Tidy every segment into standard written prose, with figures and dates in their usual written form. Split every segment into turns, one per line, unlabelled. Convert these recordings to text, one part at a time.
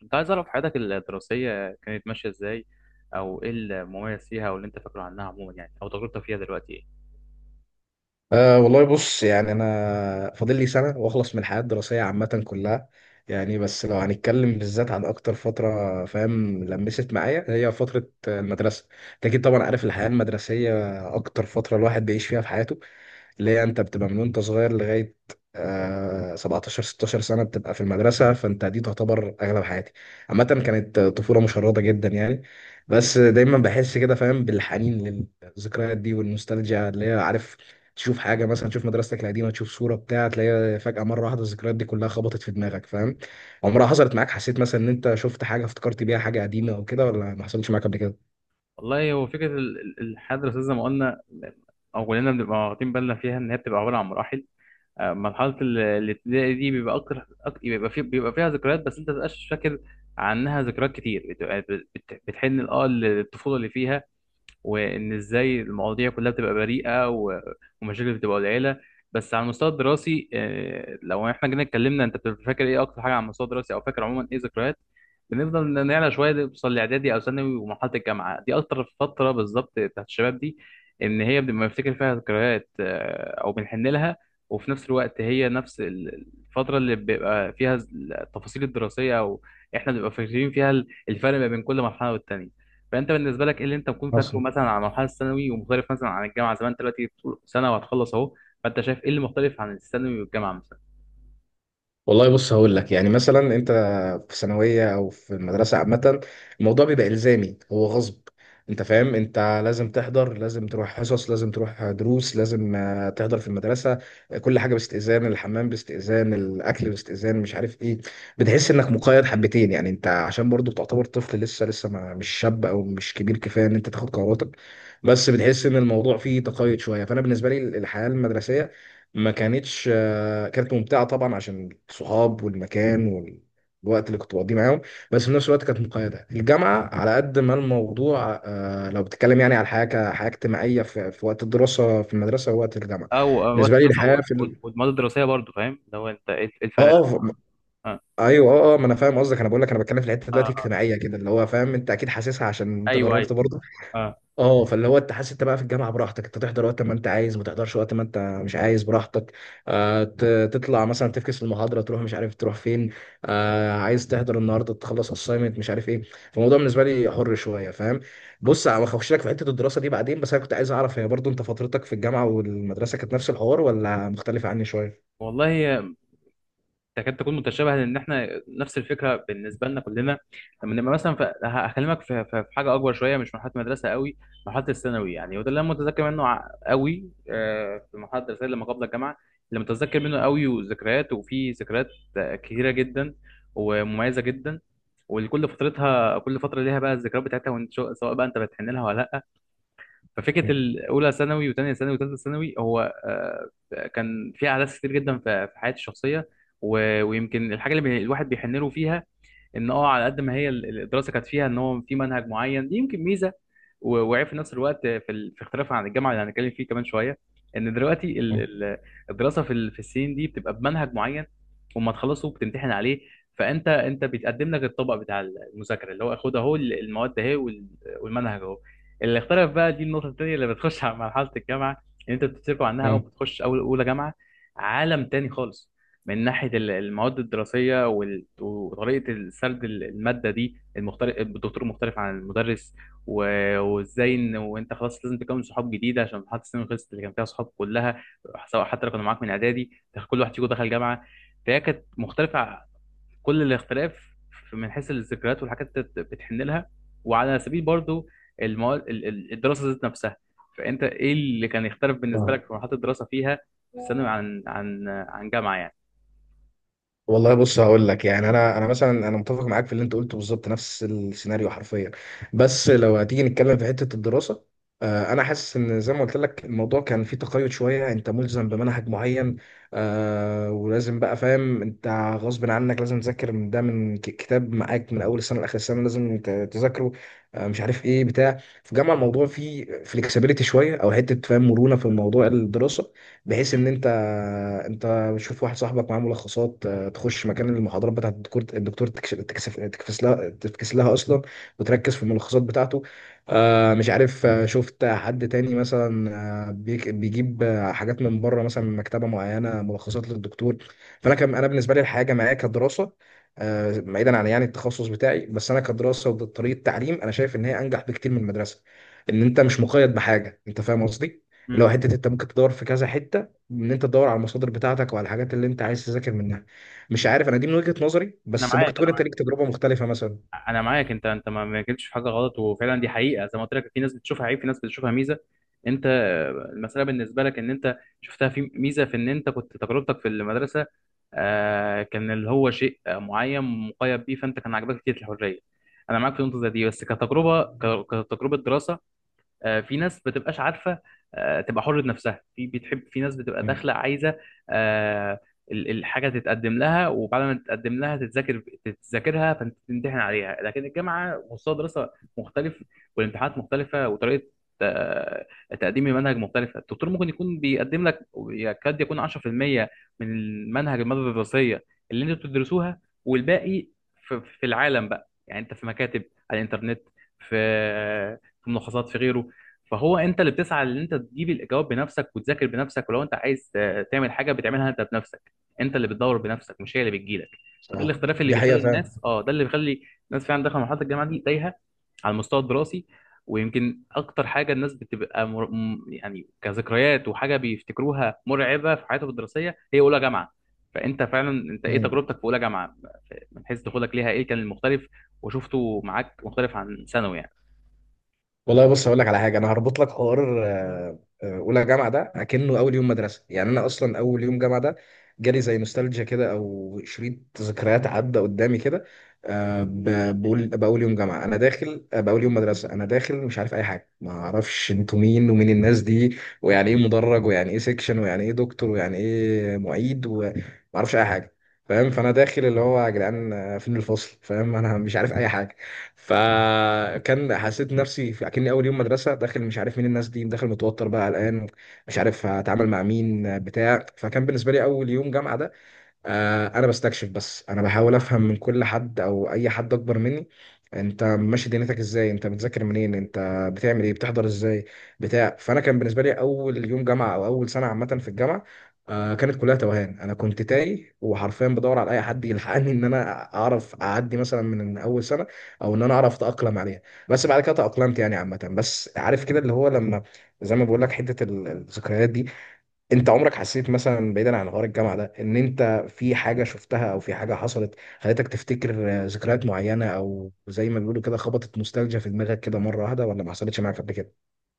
كنت عايز أعرف حياتك الدراسية كانت ماشية إزاي، أو إيه المميز فيها، أو اللي أنت فاكره عنها عموما يعني، أو تجربتك فيها دلوقتي إيه؟
والله بص، يعني أنا فاضل لي سنة وأخلص من الحياة الدراسية عامة كلها. يعني بس لو هنتكلم بالذات عن أكتر فترة، فاهم، لمست معايا هي فترة المدرسة. أنت أكيد طبعا عارف الحياة المدرسية، أكتر فترة الواحد بيعيش فيها في حياته، اللي هي انت بتبقى من وانت صغير لغايه 17 16 سنه بتبقى في المدرسه، فانت دي تعتبر اغلب حياتي. عامه كانت طفوله مشرده جدا يعني. بس دايما بحس كده، فاهم، بالحنين للذكريات دي والنوستالجيا، اللي هي عارف تشوف حاجه مثلا، تشوف مدرستك القديمه، تشوف صوره بتاع تلاقيها فجاه مره واحده، الذكريات دي كلها خبطت في دماغك. فاهم، عمرها حصلت معاك؟ حسيت مثلا ان انت شفت حاجه افتكرت بيها حاجه قديمه او كده، ولا ما حصلتش معاك قبل كده؟
والله هو فكرة الحياة الدراسية زي ما قلنا، أو كلنا بنبقى واخدين بالنا فيها إن هي بتبقى عبارة عن مراحل. مرحلة الابتدائي دي بيبقى أكتر بيبقى فيها ذكريات، بس أنت مبتبقاش فاكر عنها ذكريات كتير، بتبقى بتحن للطفولة اللي فيها، وان ازاي المواضيع كلها بتبقى بريئه ومشاكل بتبقى قليله. بس على المستوى الدراسي، لو احنا جينا اتكلمنا انت بتبقى فاكر ايه اكتر حاجه على المستوى الدراسي، او فاكر عموما ايه ذكريات. بنفضل نعلى شويه نوصل لاعدادي او ثانوي، ومرحله الجامعه دي اكتر فتره بالظبط بتاعت الشباب دي، ان هي بنبقى بنفتكر فيها ذكريات، او بنحن لها. وفي نفس الوقت هي نفس الفتره اللي بيبقى فيها التفاصيل الدراسيه، او احنا بنبقى فاكرين فيها الفرق ما بين كل مرحله والتانيه. فانت بالنسبه لك ايه اللي انت ممكن فاكره
حصل.
مثلا عن مرحله الثانوي ومختلف مثلا عن الجامعه، زي ما انت دلوقتي بتقول سنه وهتخلص اهو؟ فانت شايف ايه اللي مختلف عن الثانوي والجامعه مثلا؟
والله بص هقول لك، يعني مثلا انت في ثانويه او في المدرسه عامه، الموضوع بيبقى الزامي، هو غصب. انت فاهم، انت لازم تحضر، لازم تروح حصص، لازم تروح دروس، لازم تحضر في المدرسه. كل حاجه باستئذان، الحمام باستئذان، الاكل باستئذان، مش عارف ايه. بتحس انك مقيد حبتين يعني، انت عشان برضو تعتبر طفل لسه، لسه ما مش شاب او مش كبير كفايه ان انت تاخد قراراتك. بس بتحس ان الموضوع فيه تقيد شويه. فانا بالنسبه لي الحياه المدرسيه ما كانتش كانت ممتعه طبعا عشان الصحاب والمكان والوقت اللي كنت بقضيه معاهم، بس في نفس الوقت كانت مقيده. الجامعه على قد ما الموضوع، لو بتتكلم يعني على الحياه كحياه اجتماعيه في وقت الدراسه في المدرسه ووقت الجامعه.
او
بالنسبه لي
الدراسه
الحياه في ال...
والمواد الدراسيه برضه، فاهم اللي هو انت إيه
اه
الفرق؟
آه، ف- ايوه. اه ما انا فاهم قصدك، انا بقول لك انا بتكلم في الحته
اه،
دلوقتي
اه.
اجتماعيه كده، اللي هو فاهم، انت اكيد حاسسها عشان انت
ايوه، ايوه.
جربت برضه.
اه.
اه فاللي هو انت حاسس انت بقى في الجامعه براحتك، انت تحضر وقت ما انت عايز، ما تحضرش وقت ما انت مش عايز براحتك. تطلع مثلا تفكس المحاضره، تروح مش عارف تروح فين. عايز تحضر النهارده، تخلص اساينمنت، مش عارف ايه. فالموضوع بالنسبه لي حر شويه، فاهم. بص انا هخش لك في حته الدراسه دي بعدين، بس انا كنت عايز اعرف هي برضو انت فترتك في الجامعه والمدرسه كانت نفس الحوار ولا مختلفه عني شويه؟
والله، تكاد تكون متشابهه، لان احنا نفس الفكره بالنسبه لنا كلنا. لما نبقى مثلا في، هكلمك في، في حاجه اكبر شويه، مش مرحله مدرسه قوي، مرحله الثانوي يعني. وده اللي انا متذكر منه قوي، آه في مرحله الرسائل لما قبل الجامعه، اللي متذكر منه قوي، وذكريات، وفي ذكريات كتيره جدا ومميزه جدا. ولكل فترتها، كل فتره ليها بقى الذكريات بتاعتها، وإنت سواء بقى انت بتحن لها ولا لا. ففكره
مم.
الاولى ثانوي وثانيه ثانوي وثالثه ثانوي، هو كان في احداث كتير جدا في حياتي الشخصيه. ويمكن الحاجه اللي الواحد بيحن له فيها، ان اه على قد ما هي الدراسه كانت فيها ان هو في منهج معين، دي يمكن ميزه وعيب في نفس الوقت في في اختلافها عن الجامعه اللي هنتكلم فيه كمان شويه. ان دلوقتي الدراسه في في السنين دي بتبقى بمنهج معين، وما تخلصه بتمتحن عليه. فانت انت بيتقدم لك الطبق بتاع المذاكره، اللي هو خد اهو المواد اهي والمنهج اهو. اللي اختلف بقى، دي النقطه الثانيه اللي بتخش على مرحله الجامعه، ان انت بتتركوا عنها اول
مم.
ما تخش اول اولى جامعه. عالم تاني خالص، من ناحية المواد الدراسية وطريقة السرد المادة دي المختلف، الدكتور مختلف عن المدرس. وازاي ان وانت خلاص لازم تكون صحاب جديدة، عشان مرحلة السنين خلصت اللي كان فيها صحاب كلها، سواء حتى لو كانوا معاك من اعدادي، كل واحد فيكم دخل جامعة. فهي كانت مختلفة كل الاختلاف، من حيث الذكريات والحاجات اللي بتحن لها، وعلى سبيل برضو المواد الدراسة ذات نفسها. فانت ايه اللي كان يختلف بالنسبة
مم.
لك في مرحلة الدراسة فيها، في الثانوي عن عن جامعة؟
والله بص هقول لك، يعني انا مثلا، انا متفق معاك في اللي انت قلته، بالظبط نفس السيناريو حرفيا. بس لو هتيجي نتكلم في حته الدراسه، انا حاسس ان زي ما قلت لك الموضوع كان فيه تقيد شويه، انت ملزم بمنهج معين. ولازم بقى، فاهم انت، غصب عنك لازم تذاكر من ده، من كتاب معاك من اول السنه لاخر السنه لازم تذاكره. مش عارف ايه بتاع. في جامعه الموضوع فيه فليكسبيليتي شويه، او حته، فاهم، مرونه في الموضوع الدراسه، بحيث ان انت بتشوف واحد صاحبك معاه ملخصات، تخش مكان المحاضرات بتاعت الدكتور، تكش- تكسف تكفس لها تفكس لها اصلا، وتركز في الملخصات بتاعته. آه، مش عارف آه، شفت حد تاني مثلا، بيجيب حاجات من بره، مثلا من مكتبه معينه، ملخصات للدكتور. فانا كان، انا بالنسبه لي الحياه الجامعيه كدراسه، بعيدا عن يعني التخصص بتاعي، بس انا كدراسه وطريقه تعليم انا شايف ان هي انجح بكتير من المدرسه، ان انت مش مقيد بحاجه. انت فاهم قصدي، اللي
يعني.
هو حته انت ممكن تدور في كذا حته، ان انت تدور على المصادر بتاعتك وعلى الحاجات اللي انت عايز تذاكر منها. مش عارف، انا دي من وجهة نظري،
انا
بس
معاك،
ممكن
انا
تكون انت
معاك،
ليك تجربة مختلفة مثلا.
انا معاك. انت انت ما جبتش في حاجه غلط، وفعلا دي حقيقه، زي ما قلت لك، في ناس بتشوفها عيب، في ناس بتشوفها ميزه. انت، المساله بالنسبه لك ان انت شفتها في ميزه، في ان انت كنت تجربتك في المدرسه كان اللي هو شيء معين مقيد بيه، فانت كان عاجبك كتير الحريه. انا معاك في نقطه زي دي، بس كتجربه كتجربه دراسه، في ناس بتبقاش عارفه، تبقى حره نفسها في بتحب، في ناس بتبقى
مم.
داخله عايزه آه، الحاجه تتقدم لها، وبعد ما تتقدم لها تتذاكر تتذاكرها، فانت تمتحن عليها. لكن الجامعه مستوى دراسه مختلف، والامتحانات مختلفه، وطريقه آه، تقديم المنهج مختلفه. الدكتور ممكن يكون بيقدم لك يكاد يكون 10% من المنهج، الماده الدراسيه اللي انتوا بتدرسوها، والباقي في العالم بقى، يعني انت في مكاتب، على الانترنت، في في ملخصات، في غيره. فهو انت اللي بتسعى ان انت تجيب الاجابات بنفسك وتذاكر بنفسك، ولو انت عايز تعمل حاجه بتعملها انت بنفسك، انت اللي بتدور بنفسك، مش هي اللي بتجيلك. فده
صح،
الاختلاف اللي
دي
بيخلي
حقيقة،
الناس، اه ده اللي بيخلي الناس فعلا داخله مرحله الجامعه دي تايهه على المستوى الدراسي. ويمكن اكتر حاجه الناس بتبقى يعني كذكريات وحاجه بيفتكروها مرعبه في حياتهم الدراسيه، هي اولى جامعه. فانت فعلا، انت ايه
فعلا.
تجربتك في اولى جامعه، من حيث دخولك ليها ايه كان المختلف وشفته معاك مختلف عن ثانوي يعني؟
والله بص هقول لك على حاجه، انا هربط لك حوار. اولى جامعه ده اكنه اول يوم مدرسه، يعني انا اصلا اول يوم جامعه ده جالي زي نوستالجيا كده، او شريط ذكريات عدى قدامي كده. بقول باول يوم جامعه انا داخل باول يوم مدرسه، انا داخل مش عارف اي حاجه، ما اعرفش انتوا مين، ومين الناس دي، ويعني ايه مدرج، ويعني ايه سيكشن، ويعني ايه دكتور، ويعني ايه معيد، وما اعرفش اي حاجه. فاهم، فانا داخل اللي هو يا جدعان فين الفصل، فاهم، انا مش عارف اي حاجه. فكان حسيت نفسي اكني اول يوم مدرسه، داخل مش عارف مين الناس دي، داخل متوتر بقى، قلقان، مش عارف هتعامل مع مين بتاع. فكان بالنسبه لي اول يوم جامعه ده، انا بستكشف، بس انا بحاول افهم من كل حد او اي حد اكبر مني، انت ماشي دنيتك ازاي، انت بتذاكر منين، انت بتعمل ايه، بتحضر ازاي، بتاع. فانا كان بالنسبه لي اول يوم جامعه او اول سنه عامه في الجامعه كانت كلها توهان. انا كنت تايه، وحرفيا بدور على اي حد يلحقني ان انا اعرف اعدي مثلا من اول سنه، او ان انا اعرف اتاقلم عليها. بس بعد كده تاقلمت يعني عامه. بس عارف كده، اللي هو لما، زي ما بقول لك حته الذكريات دي، انت عمرك حسيت مثلا بعيدا عن غار الجامعه ده، ان انت في حاجه شفتها او في حاجه حصلت خلتك تفتكر ذكريات معينه، او زي ما بيقولوا كده خبطت نوستالجيا في دماغك كده مره واحده، ولا ما حصلتش معاك قبل كده؟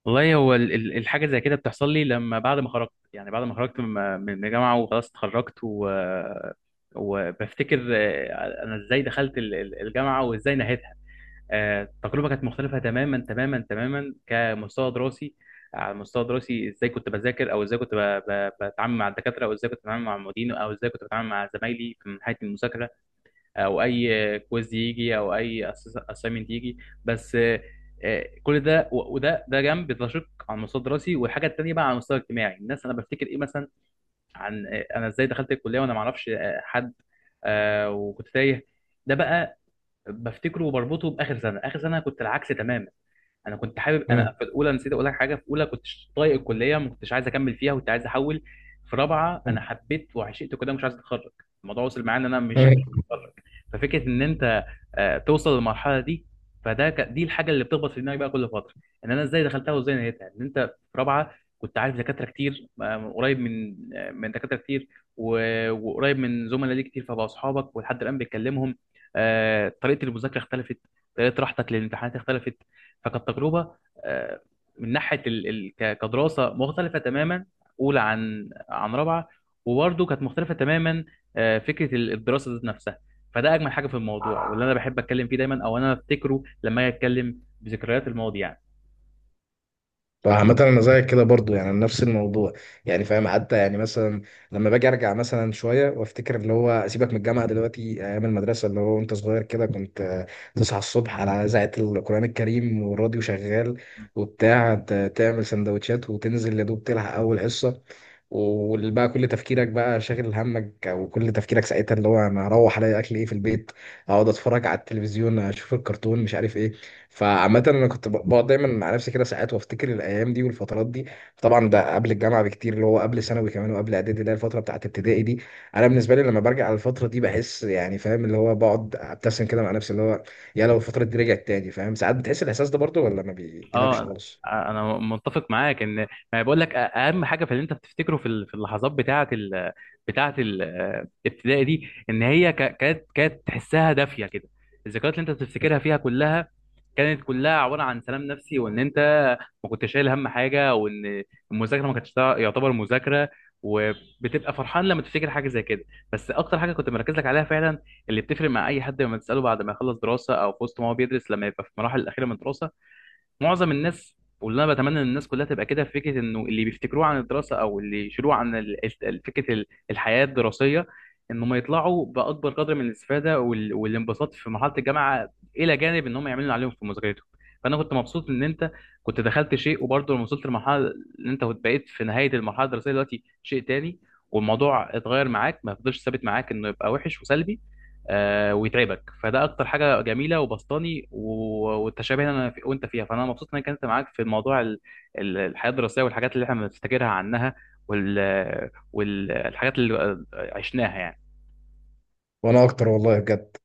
والله هو الحاجه زي كده بتحصل لي لما بعد ما خرجت، يعني بعد ما خرجت من الجامعه وخلاص اتخرجت. و... وبفتكر انا ازاي دخلت الجامعه وازاي نهيتها. التجربه كانت مختلفه تماما تماما تماما كمستوى دراسي. على المستوى الدراسي، ازاي كنت بذاكر، او ازاي كنت بتعامل مع الدكاتره، او ازاي كنت بتعامل مع المعيدين، او ازاي كنت بتعامل مع زمايلي في من حيث المذاكره، او اي كويز يجي، او اي اسايمنت يجي. بس كل ده وده جنب ده، شق على المستوى الدراسي. والحاجه التانيه بقى على المستوى الاجتماعي، الناس، انا بفتكر ايه مثلا عن، انا ازاي دخلت الكليه وانا ما اعرفش حد، وكنت تايه. ده بقى بفتكره وبربطه باخر سنه، اخر سنه كنت العكس تماما. انا كنت حابب، انا
مم.
في الاولى نسيت اقول لك حاجه، في اولى كنت طايق الكليه، ما كنتش عايز اكمل فيها، كنت عايز احول. في رابعه انا حبيت وعشقت كده، مش عايز اتخرج، الموضوع وصل معايا ان انا مش عايز اتخرج. ففكره ان انت توصل للمرحله دي، فده دي الحاجه اللي بتخبط في دماغي بقى كل فتره، ان انا ازاي دخلتها وازاي نهيتها، ان انت في رابعه كنت عارف دكاتره كتير قريب من من دكاتره كتير وقريب من زملاء ليك كتير، فبقوا اصحابك ولحد الان بتكلمهم. طريقه المذاكره اختلفت، طريقه راحتك للامتحانات اختلفت. فكانت تجربه آه، من ناحيه ال، ال، كدراسه مختلفه تماما، اولى عن رابعه. وبرده كانت مختلفه تماما، فكره الدراسه ذات نفسها. فده اجمل حاجه في الموضوع واللي انا بحب اتكلم فيه دايما، او انا افتكره لما اجي اتكلم بذكريات الماضي يعني.
فعامة أنا زيك كده برضو، يعني نفس الموضوع. يعني فاهم، حتى يعني مثلا لما باجي أرجع مثلا شوية وأفتكر، اللي هو سيبك من الجامعة دلوقتي، أيام المدرسة اللي هو وأنت صغير كده، كنت تصحى الصبح على إذاعة القرآن الكريم والراديو شغال وبتاع، تعمل سندوتشات وتنزل يا دوب تلحق أول حصة. وبقى كل تفكيرك شاغل همك، وكل تفكيرك ساعتها اللي هو انا هروح الاقي اكل ايه في البيت، اقعد اتفرج على التلفزيون، اشوف الكرتون، مش عارف ايه. فعامة أنا كنت بقعد دايما مع نفسي كده ساعات وأفتكر الأيام دي والفترات دي. طبعا ده قبل الجامعة بكتير، اللي هو قبل ثانوي كمان، وقبل إعدادي، اللي هي الفترة بتاعت ابتدائي دي. أنا بالنسبة لي لما برجع على الفترة دي بحس، يعني فاهم، اللي هو بقعد أبتسم كده مع نفسي، اللي هو يا لو الفترة دي رجعت تاني. فاهم، ساعات بتحس الإحساس ده برضه، ولا ما
اه
بيجيلكش خالص؟
انا، أنا متفق معاك ان، ما بقول لك، اهم حاجه في اللي انت بتفتكره في في اللحظات بتاعه ال، بتاعه الابتدائي دي، ان هي كانت تحسها دافيه كده. الذكريات اللي انت بتفتكرها فيها كلها كانت كلها عباره عن سلام نفسي، وان انت ما كنتش شايل هم حاجه، وان المذاكره ما كانتش يعتبر مذاكره، وبتبقى فرحان لما تفتكر حاجه زي كده. بس اكتر حاجه كنت مركز لك عليها فعلا، اللي بتفرق مع اي حد لما تساله بعد ما يخلص دراسه، او في وسط ما هو بيدرس لما يبقى في المراحل الاخيره من الدراسه، معظم الناس، واللي انا بتمنى ان الناس كلها تبقى كده، في فكره انه اللي بيفتكروه عن الدراسه، او اللي يشيلوه عن فكره الحياه الدراسيه، انهم يطلعوا باكبر قدر من الاستفاده والانبساط في مرحله الجامعه، الى جانب انهم يعملوا اللي عليهم في مذاكرتهم. فانا كنت مبسوط ان انت كنت دخلت شيء، وبرضه لما وصلت لمرحله، ان انت كنت بقيت في نهايه المرحله الدراسيه دلوقتي شيء تاني، والموضوع اتغير معاك، ما فضلش ثابت معاك انه يبقى وحش وسلبي ويتعبك. فده اكتر حاجه جميله وبسطاني والتشابه انا في وانت فيها، فانا مبسوط ان انا كنت معاك في موضوع الحياه الدراسيه والحاجات اللي احنا بنفتكرها عنها، والحاجات اللي عشناها يعني.
وأنا أكتر والله بجد.